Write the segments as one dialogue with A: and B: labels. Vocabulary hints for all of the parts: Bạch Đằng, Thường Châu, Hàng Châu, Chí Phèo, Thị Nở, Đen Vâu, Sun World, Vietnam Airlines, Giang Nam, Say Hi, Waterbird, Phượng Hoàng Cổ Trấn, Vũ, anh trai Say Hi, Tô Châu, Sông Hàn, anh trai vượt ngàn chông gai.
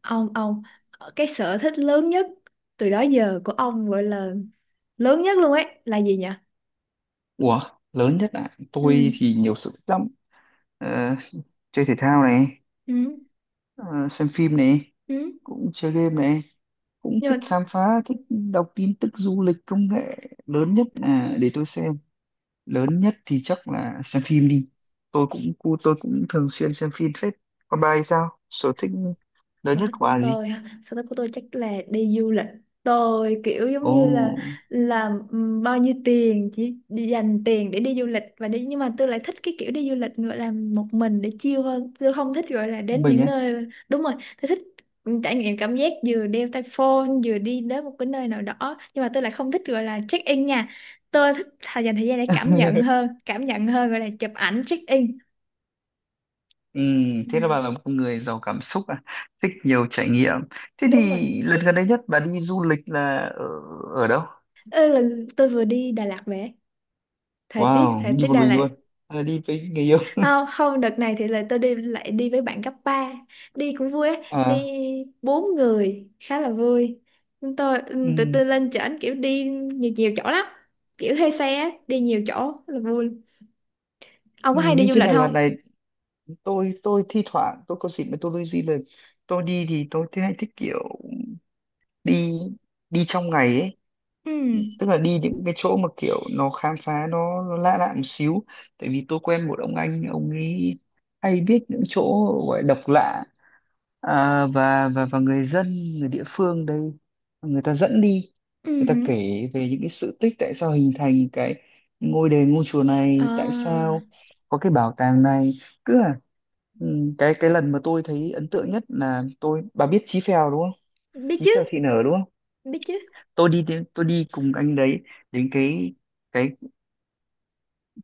A: Ông cái sở thích lớn nhất từ đó giờ của ông gọi là lớn nhất luôn ấy là gì nhỉ?
B: Ủa, lớn nhất ạ. Tôi
A: Ừ.
B: thì nhiều sở thích lắm. Ờ, chơi thể thao này,
A: Ừ.
B: ờ, xem phim này,
A: Ừ.
B: cũng chơi game này, cũng
A: Nhưng
B: thích
A: mà
B: khám phá, thích đọc tin tức du lịch công nghệ. Lớn nhất là để tôi xem. Lớn nhất thì chắc là xem phim đi. Tôi cũng thường xuyên xem phim phết. Còn bà thì sao? Sở thích lớn
A: sở
B: nhất
A: thích
B: của
A: của
B: bà là gì?
A: tôi ha, sở thích của tôi chắc là đi du lịch. Tôi kiểu giống
B: Ồ,
A: như là làm bao nhiêu tiền chỉ đi dành tiền để đi du lịch và đi, nhưng mà tôi lại thích cái kiểu đi du lịch gọi là một mình để chill hơn. Tôi không thích gọi là đến
B: mình
A: những
B: á.
A: nơi, đúng rồi. Tôi thích trải nghiệm cảm giác vừa đeo tai phone vừa đi đến một cái nơi nào đó, nhưng mà tôi lại không thích gọi là check in nha. Tôi thích thà dành thời gian để cảm nhận hơn, gọi là chụp ảnh check in.
B: Ừ,
A: Ừ,
B: thế là bà là một người giàu cảm xúc à, thích nhiều trải nghiệm. Thế
A: đúng rồi.
B: thì lần gần đây nhất bà đi du lịch là ở đâu?
A: Ơ, là tôi vừa đi Đà Lạt về. thời tiết
B: Wow,
A: thời
B: đi
A: tiết
B: một
A: Đà
B: mình
A: Lạt.
B: luôn. À, đi với người yêu.
A: Không, không, đợt này thì là tôi đi lại đi với bạn cấp ba, đi cũng vui á. Đi
B: À,
A: bốn người khá là vui. Tụi
B: ừ.
A: tôi lên trển kiểu đi nhiều nhiều chỗ lắm, kiểu thuê xe á, đi nhiều chỗ rất là vui. Ông
B: Ừ,
A: có hay đi
B: nhưng
A: du
B: trên
A: lịch
B: Đà Lạt
A: không?
B: này tôi thi thoảng tôi có dịp mà tôi đi du lịch. Tôi đi thì tôi thấy hay thích kiểu đi đi trong ngày ấy,
A: Ừ.
B: tức là đi những cái chỗ mà kiểu nó khám phá nó lạ lạ một xíu. Tại vì tôi quen một ông anh, ông ấy hay biết những chỗ gọi độc lạ, à, và người dân người địa phương đây người ta dẫn đi
A: Ừ
B: người ta
A: hử.
B: kể về những cái sự tích tại sao hình thành cái ngôi đền ngôi chùa này, tại
A: À,
B: sao có cái bảo tàng này, cứ à ừ, cái lần mà tôi thấy ấn tượng nhất là tôi, bà biết Chí Phèo đúng không?
A: biết
B: Chí
A: chứ.
B: Phèo Thị Nở đúng không?
A: Biết chứ.
B: Tôi đi cùng anh đấy đến cái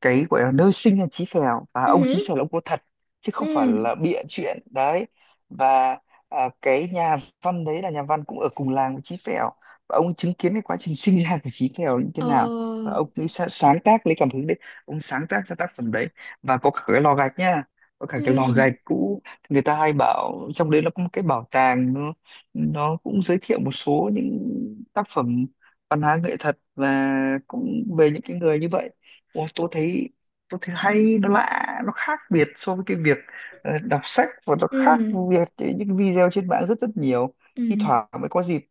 B: cái gọi là nơi sinh ra Chí Phèo, và
A: Ừ
B: ông Chí
A: hử.
B: Phèo là ông có thật chứ
A: Ừ.
B: không phải là bịa chuyện đấy. Và à, cái nhà văn đấy là nhà văn cũng ở cùng làng với Chí Phèo, và ông chứng kiến cái quá trình sinh ra của Chí Phèo như thế nào, và
A: Ờ.
B: ông ấy sáng tác lấy cảm hứng đấy, ông sáng tác ra tác phẩm đấy. Và có cả cái lò gạch nha, có cả cái lò
A: Ừ.
B: gạch cũ, người ta hay bảo trong đấy nó có một cái bảo tàng, nó cũng giới thiệu một số những tác phẩm văn hóa nghệ thuật và cũng về những cái người như vậy. Ôi, tôi thấy, hay nó lạ nó khác biệt so với cái việc đọc sách, và nó khác
A: Ừ.
B: việc những video trên mạng rất rất nhiều. Thi
A: Ừ.
B: thoảng mới có dịp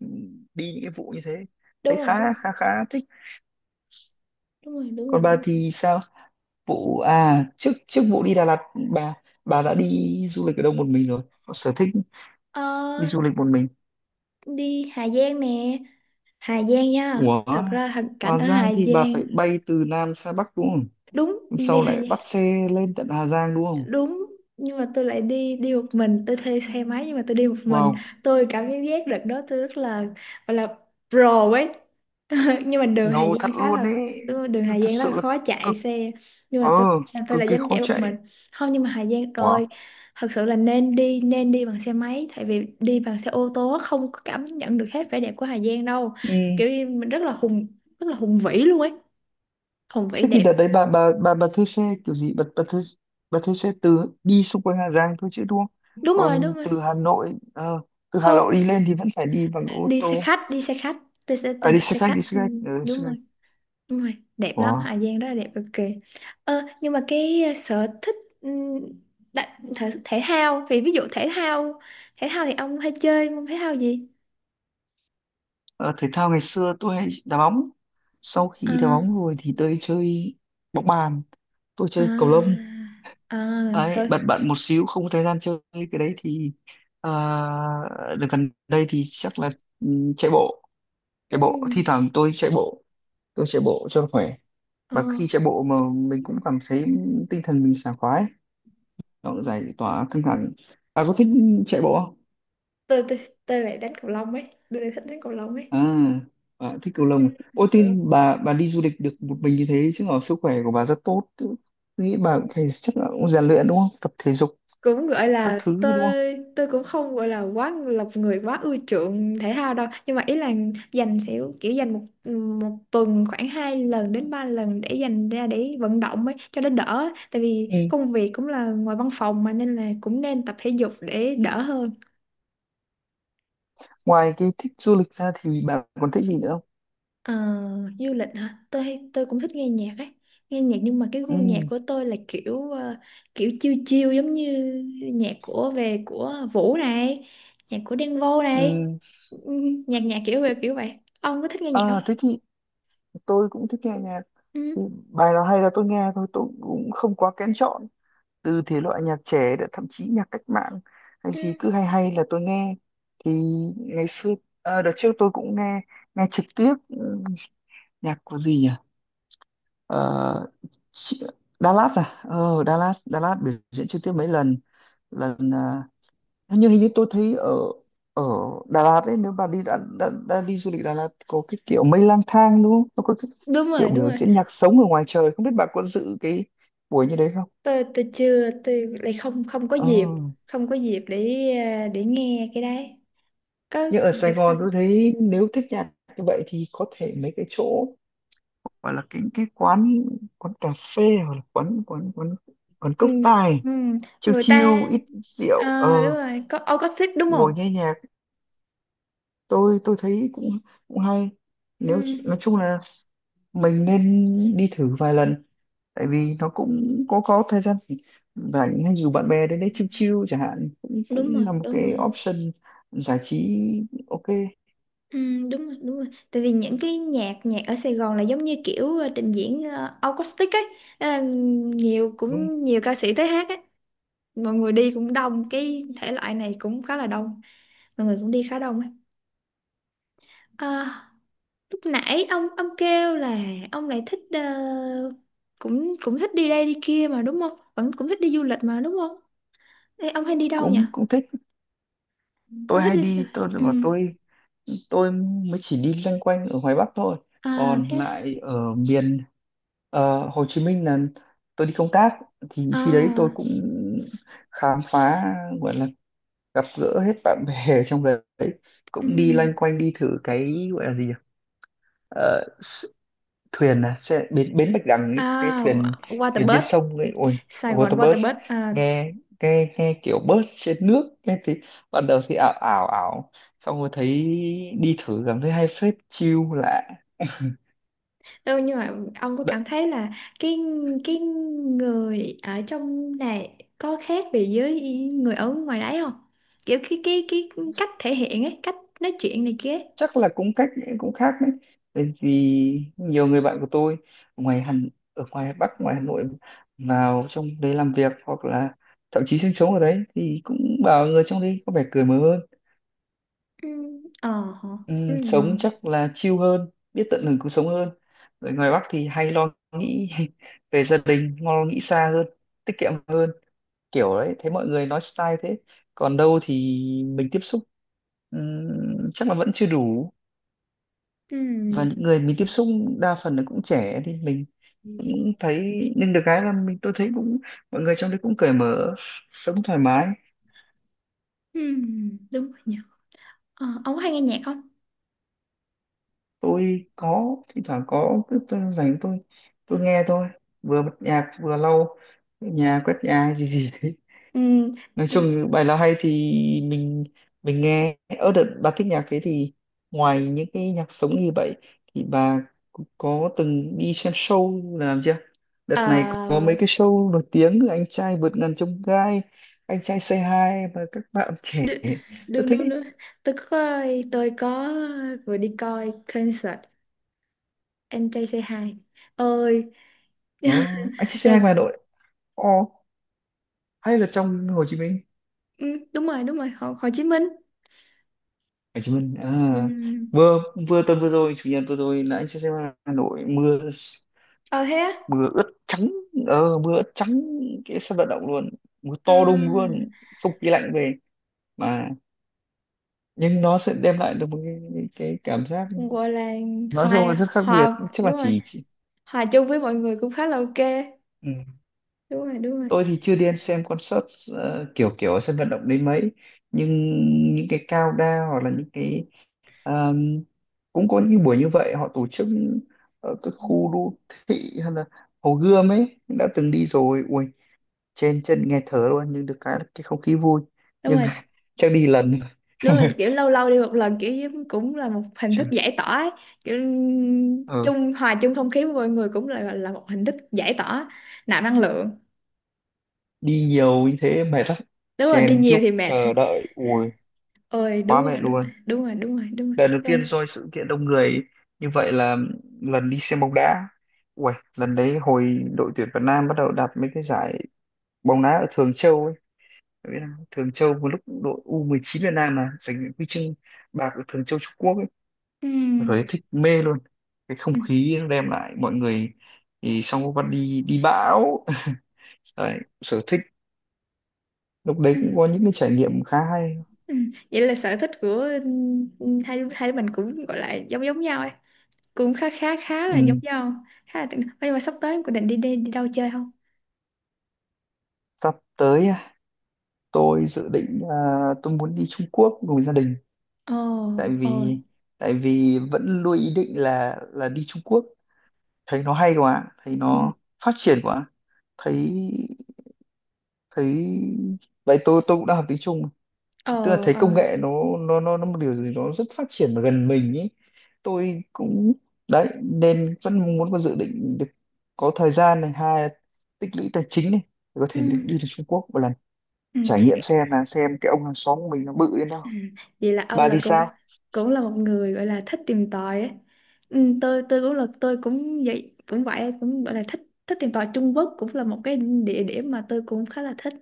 B: đi những cái vụ như thế,
A: Đúng
B: thấy
A: rồi, đúng
B: khá
A: rồi,
B: khá khá thích.
A: đúng rồi, đúng rồi,
B: Còn
A: đúng
B: bà
A: rồi.
B: thì sao, vụ à, trước trước vụ đi Đà Lạt, bà bà đã đi du lịch ở đâu một mình rồi, có sở thích
A: Ờ,
B: đi du lịch một mình?
A: đi Hà Giang nè. Hà Giang nha,
B: Ủa,
A: thật ra thằng cảnh
B: Hà
A: ở
B: Giang
A: Hà
B: thì bà
A: Giang.
B: phải bay từ Nam sang Bắc đúng không?
A: Đúng.
B: Hôm
A: Đi
B: sau
A: Hà
B: lại
A: Giang.
B: bắt xe lên tận Hà Giang đúng không?
A: Đúng. Nhưng mà tôi lại đi đi một mình. Tôi thuê xe máy nhưng mà tôi đi một mình.
B: Wow,
A: Tôi cảm giác đợt đó tôi rất là, gọi là pro ấy. Nhưng mà đường Hà
B: ngầu thật
A: Giang khá
B: luôn
A: là,
B: ấy,
A: đúng rồi, đường Hà
B: thật
A: Giang rất là
B: sự là
A: khó chạy
B: cực.
A: xe. Nhưng
B: ờ
A: mà tôi
B: Cực
A: là
B: kỳ
A: dám
B: khó
A: chạy một
B: chạy.
A: mình. Không, nhưng mà Hà Giang
B: Ủa?
A: rồi, thật sự là nên đi bằng xe máy, tại vì đi bằng xe ô tô á, không có cảm nhận được hết vẻ đẹp của Hà Giang đâu.
B: Ừ.
A: Kiểu như mình rất là hùng vĩ luôn ấy, không phải
B: Thế thì
A: đẹp.
B: đợt đấy bà thuê xe kiểu gì, bà thuê xe từ đi xung quanh Hà Giang thôi chứ đúng không?
A: Đúng rồi, đúng
B: Còn
A: rồi.
B: từ Hà Nội, từ Hà
A: Không,
B: Nội đi lên thì vẫn phải đi bằng ô
A: đi xe
B: tô.
A: khách, đi xe khách. Tôi
B: À, đi
A: đặt
B: xe
A: xe
B: khách,
A: khách,
B: đi xe
A: ừ.
B: khách, ừ,
A: Đúng
B: xe khách.
A: rồi, đúng rồi, đẹp lắm,
B: Ủa?
A: Hà Giang rất là đẹp cực kỳ. Nhưng mà cái, sở thích, ừ, thể thao, ví dụ thể thao. Thể thao thì ông hay chơi môn thể thao gì?
B: Ờ, Thể thao ngày xưa tôi hay đá bóng, sau
A: À,
B: khi đá bóng rồi thì tôi chơi bóng bàn, tôi chơi cầu lông.
A: à, à,
B: Ấy
A: tôi
B: bận bận một xíu không có thời gian chơi cái đấy thì à, đợt gần đây thì chắc là, ừ, chạy bộ.
A: ừ,
B: Thi thoảng tôi chạy bộ, tôi chạy bộ cho khỏe,
A: ờ,
B: và khi chạy bộ mà mình cũng cảm thấy tinh thần mình sảng khoái, nó cũng giải tỏa căng thẳng. Bà có thích chạy bộ không?
A: tôi tôi lại đánh cầu lông ấy. Tôi lại thích đánh cầu lông ấy.
B: À, bà thích cầu lông à? Ôi tin bà đi du lịch được
A: Ừ.
B: một mình như thế chứ, ở sức khỏe của bà rất tốt, tôi nghĩ bà cũng phải chắc là cũng rèn luyện đúng không, tập thể dục
A: Cũng gọi
B: các
A: là
B: thứ đúng
A: tôi cũng không gọi là quá lọc người, quá ưa chuộng thể thao đâu, nhưng mà ý là dành sẽ kiểu dành một một tuần khoảng hai lần đến ba lần để dành ra để vận động ấy cho nó đỡ, tại vì
B: không?
A: công việc cũng là ngoài văn phòng mà nên là cũng nên tập thể dục để đỡ hơn.
B: Ngoài cái thích du lịch ra thì bà còn thích gì nữa không?
A: Ờ, du lịch hả? Tôi cũng thích nghe nhạc ấy. Nghe nhạc, nhưng mà cái
B: Ừ.
A: gu nhạc của tôi là kiểu, kiểu chill chill, giống như nhạc của về của Vũ này, nhạc của Đen Vâu này.
B: Ừ.
A: Ừ, Nhạc nhạc kiểu kiểu vậy. Ông có thích nghe nhạc
B: À,
A: không?
B: thế thì tôi cũng thích nghe nhạc.
A: Ừ.
B: Ừ, bài nào hay là tôi nghe thôi, tôi cũng không quá kén chọn, từ thể loại nhạc trẻ đã, thậm chí nhạc cách mạng, hay gì
A: Ừ.
B: cứ hay hay là tôi nghe. Thì ngày xưa, à, đợt trước tôi cũng nghe, nghe trực tiếp, ừ, nhạc của gì nhỉ. Ờ, chị- Đà Lạt à, ờ Đà Lạt, Đà Lạt biểu diễn trực tiếp mấy lần lần, à, hình như tôi thấy ở, ở Đà Lạt ấy, nếu bà đi đã đi du lịch Đà Lạt, có cái kiểu mây lang thang đúng không? Nó có cái
A: Đúng
B: kiểu
A: rồi, đúng
B: biểu
A: rồi.
B: diễn nhạc sống ở ngoài trời, không biết bà có dự cái buổi như đấy không?
A: Tôi chưa, tôi lại không không có
B: Ờ.
A: dịp, không có dịp để để nghe cái đấy. Có
B: Nhưng ở Sài
A: đặc sao
B: Gòn
A: sao?
B: tôi thấy nếu thích nhạc như vậy thì có thể mấy cái chỗ gọi là cái quán quán cà phê hoặc là quán quán quán quán
A: Ừ,
B: cốc tài,
A: ừ,
B: chill
A: người
B: chill
A: ta.
B: ít rượu, ờ
A: Ờ, đúng rồi, có ông có thích đúng không?
B: ngồi nghe nhạc. Tôi thấy cũng cũng hay, nếu
A: Ừ.
B: nói chung là mình nên đi thử vài lần, tại vì nó cũng có thời gian rảnh, hay dù bạn bè đến đấy chill chill chẳng hạn, cũng
A: Đúng
B: cũng
A: rồi,
B: là một
A: đúng
B: cái
A: rồi.
B: option giải trí. Ok,
A: Ừ, đúng rồi, đúng rồi, tại vì những cái nhạc nhạc ở Sài Gòn là giống như kiểu, trình diễn, acoustic ấy. Ờ, nhiều
B: đúng,
A: cũng nhiều ca sĩ tới hát ấy. Mọi người đi cũng đông, cái thể loại này cũng khá là đông, mọi người cũng đi khá đông ấy. Ờ, lúc nãy ông kêu là ông lại thích, cũng cũng thích đi đây đi kia mà đúng không, vẫn cũng thích đi du lịch mà đúng không? Ê, ông hay đi đâu nhỉ?
B: cũng cũng thích. Tôi
A: Ông thích
B: hay
A: đi theo-
B: đi, tôi
A: Ừ.
B: mà tôi mới chỉ đi loanh quanh ở ngoài Bắc thôi,
A: À,
B: còn
A: thế
B: lại ở miền, Hồ Chí Minh là tôi đi công tác, thì khi đấy tôi
A: à.
B: cũng khám phá, gọi là gặp gỡ hết bạn bè ở trong đấy,
A: Ừ.
B: cũng đi loanh quanh, đi thử cái gọi là gì nhỉ. Ờ, s- Thuyền à, xe, bến bến Bạch Đằng ấy, cái
A: À,
B: thuyền, thuyền trên
A: Waterbird,
B: sông ấy, ôi
A: Sài Gòn
B: waterbus,
A: Waterbird. À,
B: nghe nghe nghe kiểu bus trên nước, nghe thì ban đầu thì ảo ảo ảo, xong rồi thấy đi thử cảm thấy hay phết, chill lạ.
A: ừ, nhưng mà ông có cảm thấy là cái cái người ở trong này có khác biệt với người ở ngoài đấy không? Kiểu cái cách thể hiện ấy, cách nói chuyện này kia ấy.
B: Chắc là cũng cách cũng khác đấy, tại vì nhiều người bạn của tôi ngoài Hàn, ở ngoài Bắc ngoài Hà Nội, vào trong đấy làm việc hoặc là thậm chí sinh sống ở đấy, thì cũng bảo người trong đấy có vẻ cởi mở hơn.
A: Ừ, ờ, hả? Ừ,
B: Sống chắc là chill hơn, biết tận hưởng cuộc sống hơn. Người ngoài Bắc thì hay lo nghĩ về gia đình, lo nghĩ xa hơn, tiết kiệm hơn, kiểu đấy, thấy mọi người nói sai thế. Còn đâu thì mình tiếp xúc, chắc là vẫn chưa đủ, và những
A: ừ,
B: người mình tiếp xúc đa phần là cũng trẻ thì mình cũng thấy, nhưng được cái là mình, tôi thấy cũng, mọi người trong đấy cũng cởi mở, sống thoải mái.
A: ừ, đúng rồi nhỉ. Ờ, ông có hay nghe nhạc không?
B: Tôi có thỉnh thoảng có, cứ tôi rảnh tôi nghe thôi, vừa bật nhạc vừa lau nhà quét nhà hay gì gì đấy.
A: Ừ,
B: Nói chung bài nào hay thì mình mình nghe. Ở đợt bà thích nhạc thế thì ngoài những cái nhạc sống như vậy thì bà có từng đi xem show là làm chưa? Đợt này có
A: ờ,
B: mấy cái show nổi tiếng, anh trai vượt ngàn chông gai, anh trai Say Hi và các bạn trẻ
A: đ-
B: rất
A: đúng
B: thích
A: đúng
B: ý.
A: đúng. Tôi có, tôi có, vừa đi coi concert anh trai Say Hi ơi.
B: Ờ, anh trai Say Hi ngoài Hà
A: Đợt-
B: Nội. Ồ, hay là trong Hồ Chí Minh?
A: ừ, đúng rồi, đúng rồi, Hồ Chí Minh.
B: Hồ Chí Minh à,
A: Ừ.
B: vừa, tuần vừa rồi, chủ nhật vừa rồi là anh trai Say Hi Hà Nội mưa,
A: Ờ, thế á?
B: mưa ướt trắng, ờ mưa ướt trắng cái sân vận động luôn, mưa to đùng
A: À,
B: luôn, không khí lạnh về, mà nhưng nó sẽ đem lại được một cái cảm giác
A: cũng gọi là
B: nói chung là
A: hòa
B: rất khác biệt.
A: hòa
B: Chắc là
A: đúng rồi,
B: chỉ.
A: hòa chung với mọi người cũng khá là ok.
B: Ừ.
A: Đúng rồi, đúng rồi.
B: Tôi thì chưa đi xem concert, kiểu kiểu ở sân vận động đến mấy, nhưng những cái cao đa, hoặc là những cái, um, cũng có những buổi như vậy họ tổ chức ở các
A: Ừ.
B: khu đô thị, hay là Hồ Gươm ấy, đã từng đi rồi. Ui, trên chân nghe thở luôn, nhưng được cái là cái không khí vui.
A: Đúng
B: Nhưng
A: rồi,
B: chắc đi lần
A: đúng rồi, kiểu lâu lâu đi một lần, cũng là một hình
B: chứ,
A: thức giải tỏa ấy. Kiểu
B: ừ.
A: hòa chung không khí với mọi người cũng là một hình thức giải tỏa, nạp năng lượng.
B: Đi nhiều như thế mệt lắm,
A: Đúng rồi, đi
B: chen
A: nhiều
B: chúc
A: thì mệt.
B: chờ đợi, ui
A: Ôi đúng
B: quá mệt
A: rồi, đúng rồi,
B: luôn.
A: đúng rồi, đúng rồi, đúng rồi,
B: Lần đầu
A: đúng
B: tiên
A: rồi.
B: rồi sự kiện đông người như vậy là lần đi xem bóng đá, ui lần đấy hồi đội tuyển Việt Nam bắt đầu đạt mấy cái giải bóng đá ở Thường Châu ấy. Bạn biết không? Thường Châu một lúc đội U19 Việt Nam mà giành huy chương bạc ở Thường Châu Trung Quốc ấy, rồi thích mê luôn cái
A: Ừ.
B: không khí nó đem lại mọi người. Thì xong có bắt đi đi bão. Đấy, sở thích lúc đấy
A: Ừ,
B: cũng có những cái trải nghiệm khá hay.
A: ừ. Vậy là sở thích của, ừ, hai hai đứa mình cũng gọi là giống giống nhau ấy, cũng khá khá khá là giống
B: Ừ.
A: nhau, khá là tương- Ơ, nhưng mà sắp tới em có định đi đi đi đâu chơi không?
B: Sắp tới à, tôi dự định à, tôi muốn đi Trung Quốc cùng gia đình,
A: Ồ.
B: tại
A: Ồ.
B: vì, vẫn luôn ý định là, đi Trung Quốc, thấy nó hay quá, thấy
A: Ừ.
B: nó phát triển quá. Thấy, thấy vậy tôi, cũng đang học tiếng Trung,
A: Ờ.
B: tức là thấy
A: Ờ.
B: công nghệ nó, một điều gì đó rất phát triển và gần mình ý. Tôi cũng, đấy nên vẫn muốn có dự định được có thời gian này, hai là tích lũy tài chính này, để có
A: Ừ.
B: thể được đi đến Trung Quốc một lần,
A: Ừ.
B: trải nghiệm xem là xem cái ông hàng xóm của mình nó bự đến đâu.
A: Ừ. Vậy là Âu
B: Bà
A: là
B: thì
A: cô
B: sao?
A: cũng là một người gọi là thích tìm tòi ấy. Ừ, tôi cũng là, tôi cũng vậy, cũng vậy, cũng gọi là thích, thích tìm tòi. Trung Quốc cũng là một cái địa điểm mà tôi cũng khá là thích,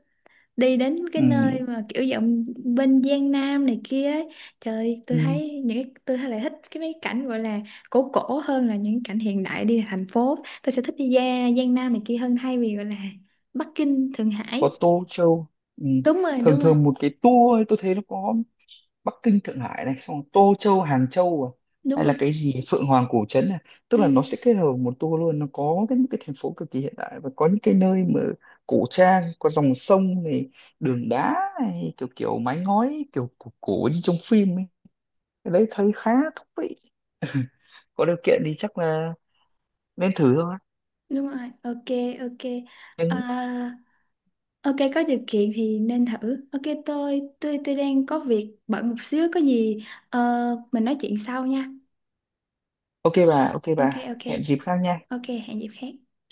A: đi đến cái
B: Ừ,
A: nơi mà kiểu giọng bên Giang Nam này kia ấy. Trời,
B: ừ.
A: tôi thấy lại thích cái mấy cảnh gọi là cổ cổ hơn là những cảnh hiện đại đi thành phố. Tôi sẽ thích đi ra Giang Nam này kia hơn thay vì gọi là Bắc Kinh Thượng
B: Có
A: Hải.
B: Tô Châu. Ừ.
A: Đúng rồi,
B: Thường
A: đúng rồi.
B: thường một cái tour ấy, tôi thấy nó có Bắc Kinh Thượng Hải này, xong Tô Châu Hàng Châu, à, hay
A: Đúng
B: là
A: rồi.
B: cái gì Phượng Hoàng Cổ Trấn này, tức
A: Ừ,
B: là nó sẽ kết hợp một tour luôn, nó có cái những cái thành phố cực kỳ hiện đại và có những cái nơi mà cổ trang, có dòng sông này, đường đá này, kiểu kiểu mái ngói kiểu cổ, cổ như trong phim ấy. Cái đấy thấy khá thú vị, có điều kiện thì chắc là nên thử thôi,
A: đúng rồi, ok, ok. Ờ,
B: nhưng
A: ok có điều kiện thì nên thử, ok tôi đang có việc bận một xíu, có gì ờ, mình nói chuyện sau nha.
B: ok bà,
A: Ok, ok,
B: hẹn dịp khác nha.
A: ok, hẹn dịp khác.